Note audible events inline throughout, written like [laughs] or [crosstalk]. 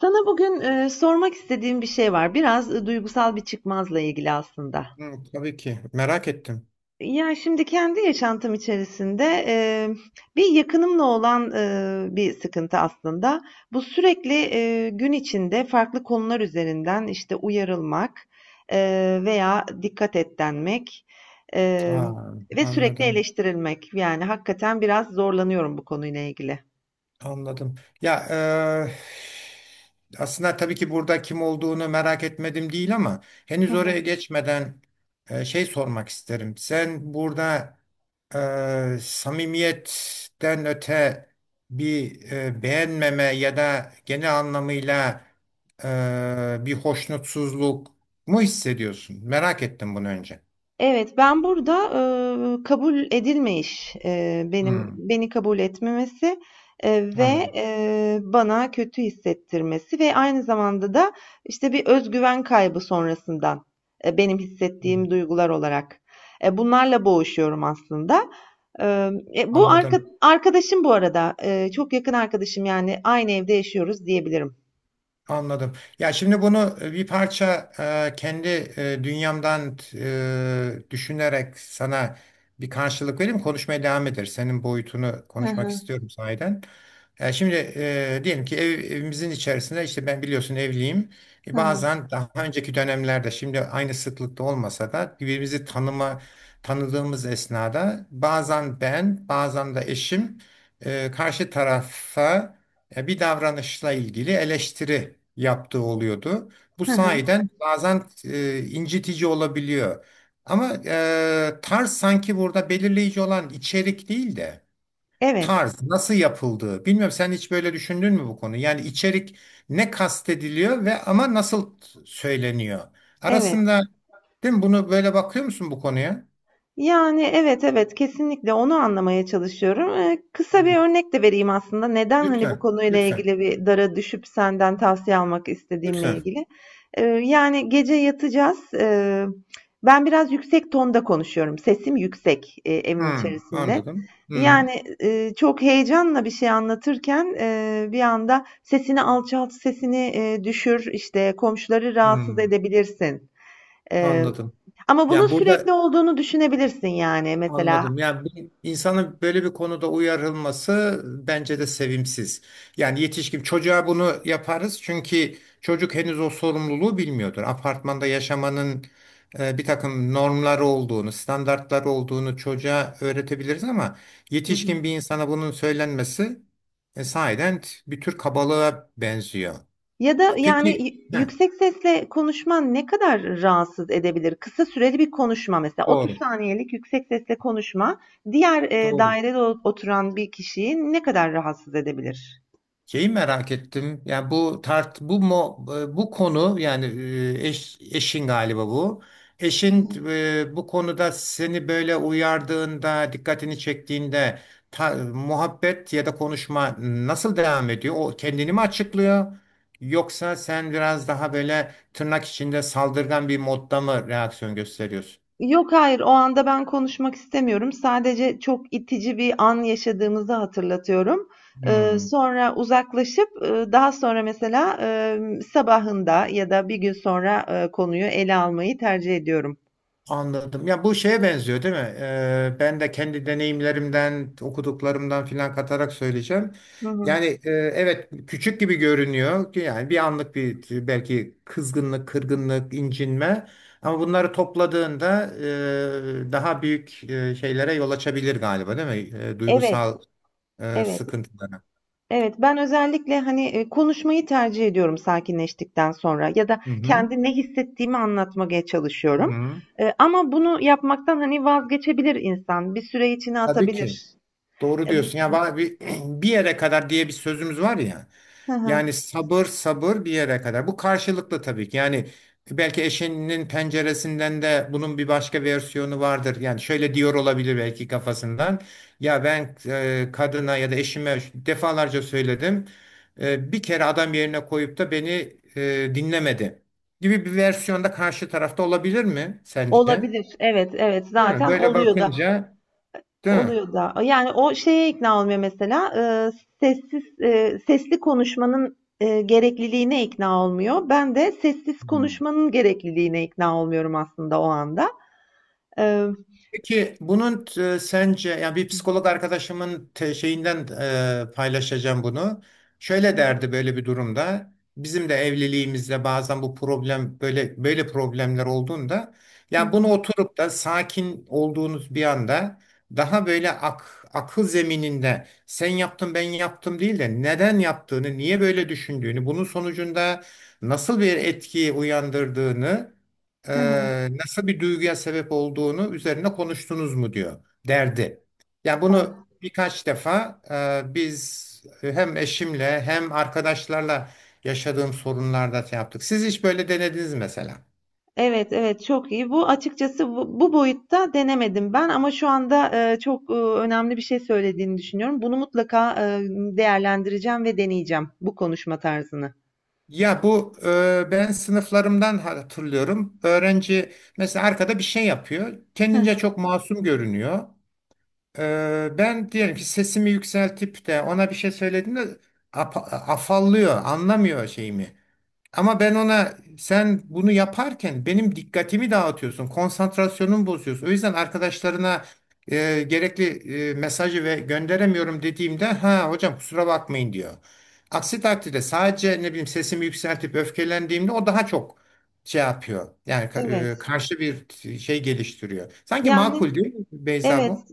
Sana bugün, sormak istediğim bir şey var. Biraz, duygusal bir çıkmazla ilgili aslında. Hı, tabii ki. Merak ettim. Ya, şimdi kendi yaşantım içerisinde, bir yakınımla olan, bir sıkıntı aslında. Bu sürekli, gün içinde farklı konular üzerinden, işte, uyarılmak, veya dikkat et denmek, emm, Aa, ve sürekli anladım. eleştirilmek. Yani hakikaten biraz zorlanıyorum bu konuyla ilgili. Anladım. Ya aslında tabii ki burada kim olduğunu merak etmedim değil ama henüz oraya geçmeden şey sormak isterim. Sen burada samimiyetten öte bir beğenmeme ya da genel anlamıyla bir hoşnutsuzluk mu hissediyorsun? Merak ettim bunu önce. Evet, ben burada, kabul edilmeyiş, benim Hı, beni kabul etmemesi, anladım. Bana kötü hissettirmesi ve aynı zamanda da, işte, bir öz güven kaybı sonrasından, benim Hı, hissettiğim duygular olarak. Bunlarla boğuşuyorum aslında. Bu arka anladım. arkadaşım bu arada, çok yakın arkadaşım, yani, aynı evde yaşıyoruz diyebilirim. Anladım. Ya şimdi bunu bir parça kendi dünyamdan düşünerek sana bir karşılık vereyim. Konuşmaya devam ederiz. Senin boyutunu Hı konuşmak hı. istiyorum sahiden. Şimdi diyelim ki evimizin içerisinde işte ben biliyorsun evliyim. E, Hı hı. bazen daha önceki dönemlerde şimdi aynı sıklıkta olmasa da birbirimizi tanıdığımız esnada bazen ben bazen de eşim karşı tarafa bir davranışla ilgili eleştiri yaptığı oluyordu. Bu Hı hı. sayeden bazen incitici olabiliyor. Ama tarz sanki burada belirleyici olan içerik değil de Evet, tarz nasıl yapıldığı. Bilmiyorum sen hiç böyle düşündün mü bu konu? Yani içerik ne kastediliyor ve ama nasıl söyleniyor? evet. Arasında değil mi? Bunu böyle bakıyor musun bu konuya? Yani, evet, evet, kesinlikle onu anlamaya çalışıyorum. Kısa Hmm. bir örnek de vereyim aslında. Neden, hani, bu Lütfen, konuyla lütfen, ilgili bir dara düşüp senden tavsiye almak istediğimle lütfen. ilgili. Yani, gece yatacağız. Ben biraz yüksek tonda konuşuyorum. Sesim yüksek, evin Hmm, içerisinde. anladım. Hmm, Yani, çok heyecanla bir şey anlatırken, bir anda sesini alçalt, sesini, düşür, işte, komşuları rahatsız hmm, edebilirsin, e, anladım. ama bunun Yani sürekli burada. olduğunu düşünebilirsin yani mesela. Anladım. Yani bir insanın böyle bir konuda uyarılması bence de sevimsiz. Yani yetişkin çocuğa bunu yaparız çünkü çocuk henüz o sorumluluğu bilmiyordur. Apartmanda yaşamanın bir takım normları olduğunu, standartları olduğunu çocuğa öğretebiliriz ama Hı hı. yetişkin bir insana bunun söylenmesi sahiden bir tür kabalığa benziyor. Ya da yani Peki. Heh. yüksek sesle konuşman ne kadar rahatsız edebilir? Kısa süreli bir konuşma mesela 30 Doğru, saniyelik yüksek sesle konuşma diğer doğru. dairede oturan bir kişiyi ne kadar rahatsız edebilir? Şeyi merak ettim. Yani bu tart bu mo, e, bu konu yani eşin galiba bu. Eşin bu konuda seni böyle uyardığında, dikkatini çektiğinde muhabbet ya da konuşma nasıl devam ediyor? O kendini mi açıklıyor? Yoksa sen biraz daha böyle tırnak içinde saldırgan bir modda mı reaksiyon gösteriyorsun? Yok, hayır. O anda ben konuşmak istemiyorum. Sadece çok itici bir an yaşadığımızı hatırlatıyorum. Hmm. Sonra uzaklaşıp, daha sonra mesela, sabahında ya da bir gün sonra, konuyu ele almayı tercih ediyorum. Anladım. Ya bu şeye benziyor değil mi? Ben de kendi deneyimlerimden, okuduklarımdan filan katarak söyleyeceğim. Hı hı. Yani evet küçük gibi görünüyor. Yani bir anlık bir belki kızgınlık, kırgınlık, incinme. Ama bunları topladığında daha büyük şeylere yol açabilir galiba değil mi? E, Evet, duygusal evet, sıkıntılara. evet. Ben özellikle, hani, konuşmayı tercih ediyorum sakinleştikten sonra ya da Hı hı. kendi ne hissettiğimi anlatmaya Hı çalışıyorum. hı. Ama bunu yapmaktan, hani, vazgeçebilir insan. Bir süre içine Tabii ki. atabilir. Doğru Emm diyorsun. Ya bir [clears throat] bir yere kadar diye bir sözümüz var ya. Hı Yani hı. sabır sabır bir yere kadar. Bu karşılıklı tabii ki. Yani belki eşinin penceresinden de bunun bir başka versiyonu vardır. Yani şöyle diyor olabilir belki kafasından. Ya ben kadına ya da eşime defalarca söyledim. Bir kere adam yerine koyup da beni dinlemedi gibi bir versiyonda karşı tarafta olabilir mi sence? Olabilir. Evet, evet. Değil mi? Zaten Böyle oluyor da bakınca, değil mi? oluyor da. Yani o şeye ikna olmuyor mesela. Sesli konuşmanın gerekliliğine ikna olmuyor. Ben de sessiz konuşmanın gerekliliğine ikna olmuyorum aslında o anda. Ee, Peki bunun sence yani bir psikolog arkadaşımın şeyinden paylaşacağım bunu. Şöyle derdi böyle bir durumda. Bizim de evliliğimizde bazen bu problem böyle böyle problemler olduğunda yani bunu oturup da sakin olduğunuz bir anda daha böyle akıl zemininde sen yaptın ben yaptım değil de neden yaptığını, niye böyle düşündüğünü, bunun sonucunda nasıl bir etki uyandırdığını hı hı. nasıl bir duyguya sebep olduğunu üzerine konuştunuz mu diyor derdi. Yani Ah, bunu birkaç defa biz hem eşimle hem arkadaşlarla yaşadığım sorunlarda şey yaptık. Siz hiç böyle denediniz mi mesela? evet, evet. Çok iyi. Bu açıkçası bu boyutta denemedim ben ama şu anda çok önemli bir şey söylediğini düşünüyorum. Bunu mutlaka değerlendireceğim ve deneyeceğim bu konuşma tarzını. Ya bu ben sınıflarımdan hatırlıyorum. Öğrenci mesela arkada bir şey yapıyor. Hı Kendince hı. çok masum görünüyor. Ben diyelim ki sesimi yükseltip de ona bir şey söylediğimde afallıyor, anlamıyor şeyimi. Ama ben ona sen bunu yaparken benim dikkatimi dağıtıyorsun, konsantrasyonumu bozuyorsun. O yüzden arkadaşlarına gerekli mesajı ve gönderemiyorum dediğimde ha hocam kusura bakmayın diyor. Aksi takdirde sadece ne bileyim sesimi yükseltip öfkelendiğimde o daha çok şey yapıyor. Yani Evet. karşı bir şey geliştiriyor. Sanki Yani makul değil mi Beyza Evet, bu?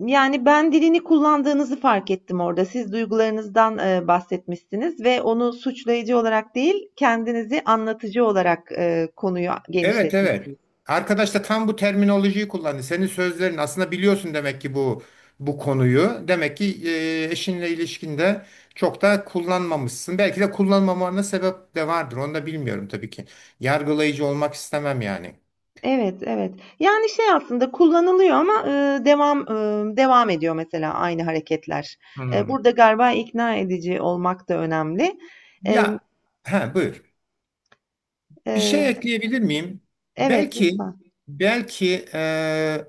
yani ben dilini kullandığınızı fark ettim orada. Siz duygularınızdan, bahsetmişsiniz ve onu suçlayıcı olarak değil, kendinizi anlatıcı olarak, konuyu Evet, evet. genişletmişsiniz. Arkadaş da tam bu terminolojiyi kullandı. Senin sözlerin aslında biliyorsun demek ki bu konuyu. Demek ki eşinle ilişkinde çok da kullanmamışsın. Belki de kullanmamana sebep de vardır. Onu da bilmiyorum tabii ki. Yargılayıcı olmak istemem yani. Evet, evet. Yani şey aslında kullanılıyor ama, devam ediyor mesela aynı hareketler. Hmm. Burada galiba ikna edici olmak da önemli. Emm, Ya ha, buyur. Bir şey eee ekleyebilir miyim? Evet, Belki lütfen. belki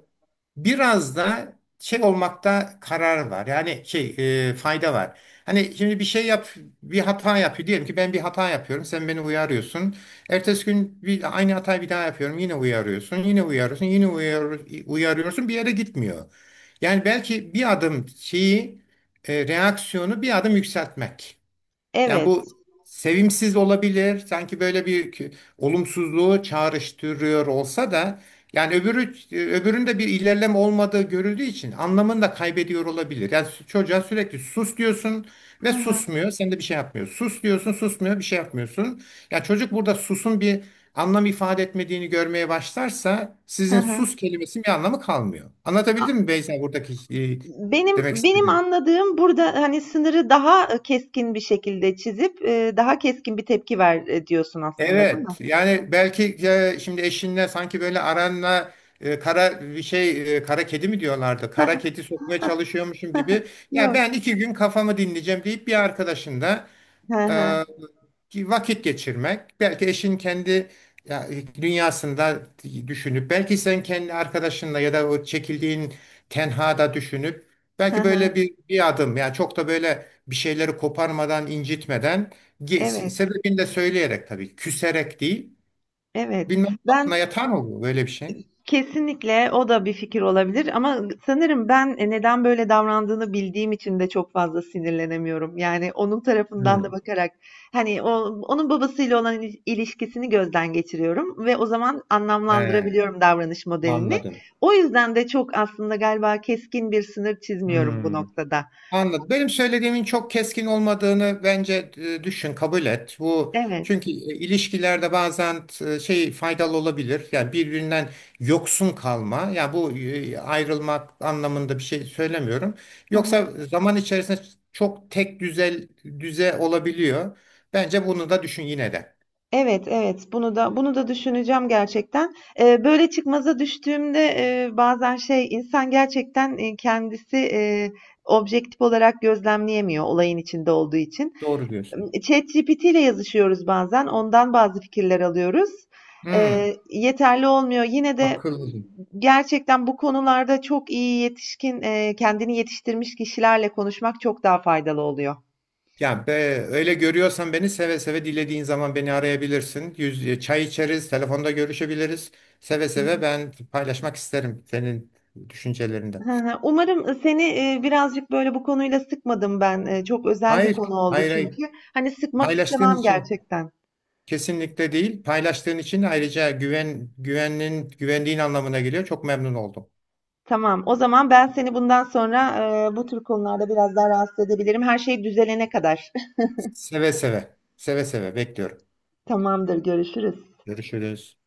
biraz da şey olmakta karar var. Yani şey, fayda var. Hani şimdi bir şey yap, bir hata yapıyor. Diyelim ki ben bir hata yapıyorum. Sen beni uyarıyorsun. Ertesi gün aynı hatayı bir daha yapıyorum. Yine uyarıyorsun. Yine uyarıyorsun. Uyarıyorsun. Bir yere gitmiyor. Yani belki bir adım reaksiyonu bir adım yükseltmek. Yani bu Evet. sevimsiz olabilir. Sanki böyle bir olumsuzluğu çağrıştırıyor olsa da yani öbüründe bir ilerleme olmadığı görüldüğü için anlamını da kaybediyor olabilir. Yani çocuğa sürekli sus diyorsun ve Hı hı. susmuyor. Sen de bir şey yapmıyorsun. Sus diyorsun, susmuyor, bir şey yapmıyorsun. Ya çocuk burada susun bir anlam ifade etmediğini görmeye başlarsa Hı sizin hı. sus kelimesinin bir anlamı kalmıyor. Anlatabildim mi Beyza buradaki e, demek Benim istediğim? anladığım burada, hani, sınırı daha, keskin bir şekilde çizip, daha keskin bir tepki ver, diyorsun aslında, değil mi? Evet yani belki şimdi eşinle sanki böyle aranla e, kara bir şey e, kara kedi mi diyorlardı? Kara kedi sokmaya çalışıyormuşum [laughs] gibi. Ya Yok. ben iki gün kafamı dinleyeceğim deyip bir arkadaşın da Hı ee, hı. ki vakit geçirmek, belki eşin kendi ya, dünyasında düşünüp, belki sen kendi arkadaşınla ya da o çekildiğin tenhada düşünüp, Hı belki böyle hı. bir adım, yani çok da böyle bir şeyleri koparmadan, incitmeden, ge- Evet, sebebini de söyleyerek tabii, küserek değil, evet. bilmem Ben aklına yatan oluyor böyle bir şey. Kesinlikle o da bir fikir olabilir ama sanırım ben neden böyle davrandığını bildiğim için de çok fazla sinirlenemiyorum. Yani onun tarafından da Hmm, bakarak hani o, onun babasıyla olan ilişkisini gözden geçiriyorum ve o zaman he, anlamlandırabiliyorum davranış modelini. anladım. O yüzden de çok aslında galiba keskin bir sınır çizmiyorum bu Hmm. noktada. Anladım. Benim söylediğimin çok keskin olmadığını bence düşün, kabul et. Bu Evet. çünkü ilişkilerde bazen şey faydalı olabilir. Yani birbirinden yoksun kalma. Ya yani bu ayrılmak anlamında bir şey söylemiyorum. Yoksa zaman içerisinde çok tek düze olabiliyor. Bence bunu da düşün yine de. Evet, evet. Bunu da düşüneceğim gerçekten. Böyle çıkmaza düştüğümde, bazen şey, insan gerçekten, kendisi, objektif olarak gözlemleyemiyor olayın içinde olduğu için. Doğru diyorsun. ChatGPT ile yazışıyoruz bazen, ondan bazı fikirler alıyoruz. Hmm, Yeterli olmuyor. Yine de akıllıca. gerçekten bu konularda çok iyi yetişkin, kendini yetiştirmiş kişilerle konuşmak çok daha faydalı oluyor. Ya be, öyle görüyorsan beni seve seve dilediğin zaman beni arayabilirsin. Çay içeriz, telefonda görüşebiliriz. Seve Hı seve hı. ben paylaşmak isterim senin düşüncelerinde. Hı hı. Umarım, seni, birazcık böyle bu konuyla sıkmadım ben. Çok özel bir Hayır, konu oldu hayır, hayır. çünkü. Hani, sıkmak Paylaştığın istemem için gerçekten. kesinlikle değil. Paylaştığın için ayrıca güvendiğin anlamına geliyor. Çok memnun oldum. Tamam, o zaman ben seni bundan sonra, bu tür konularda biraz daha rahatsız edebilirim. Her şey düzelene kadar. [laughs] Seve seve, seve seve bekliyorum. Tamamdır, görüşürüz. Görüşürüz.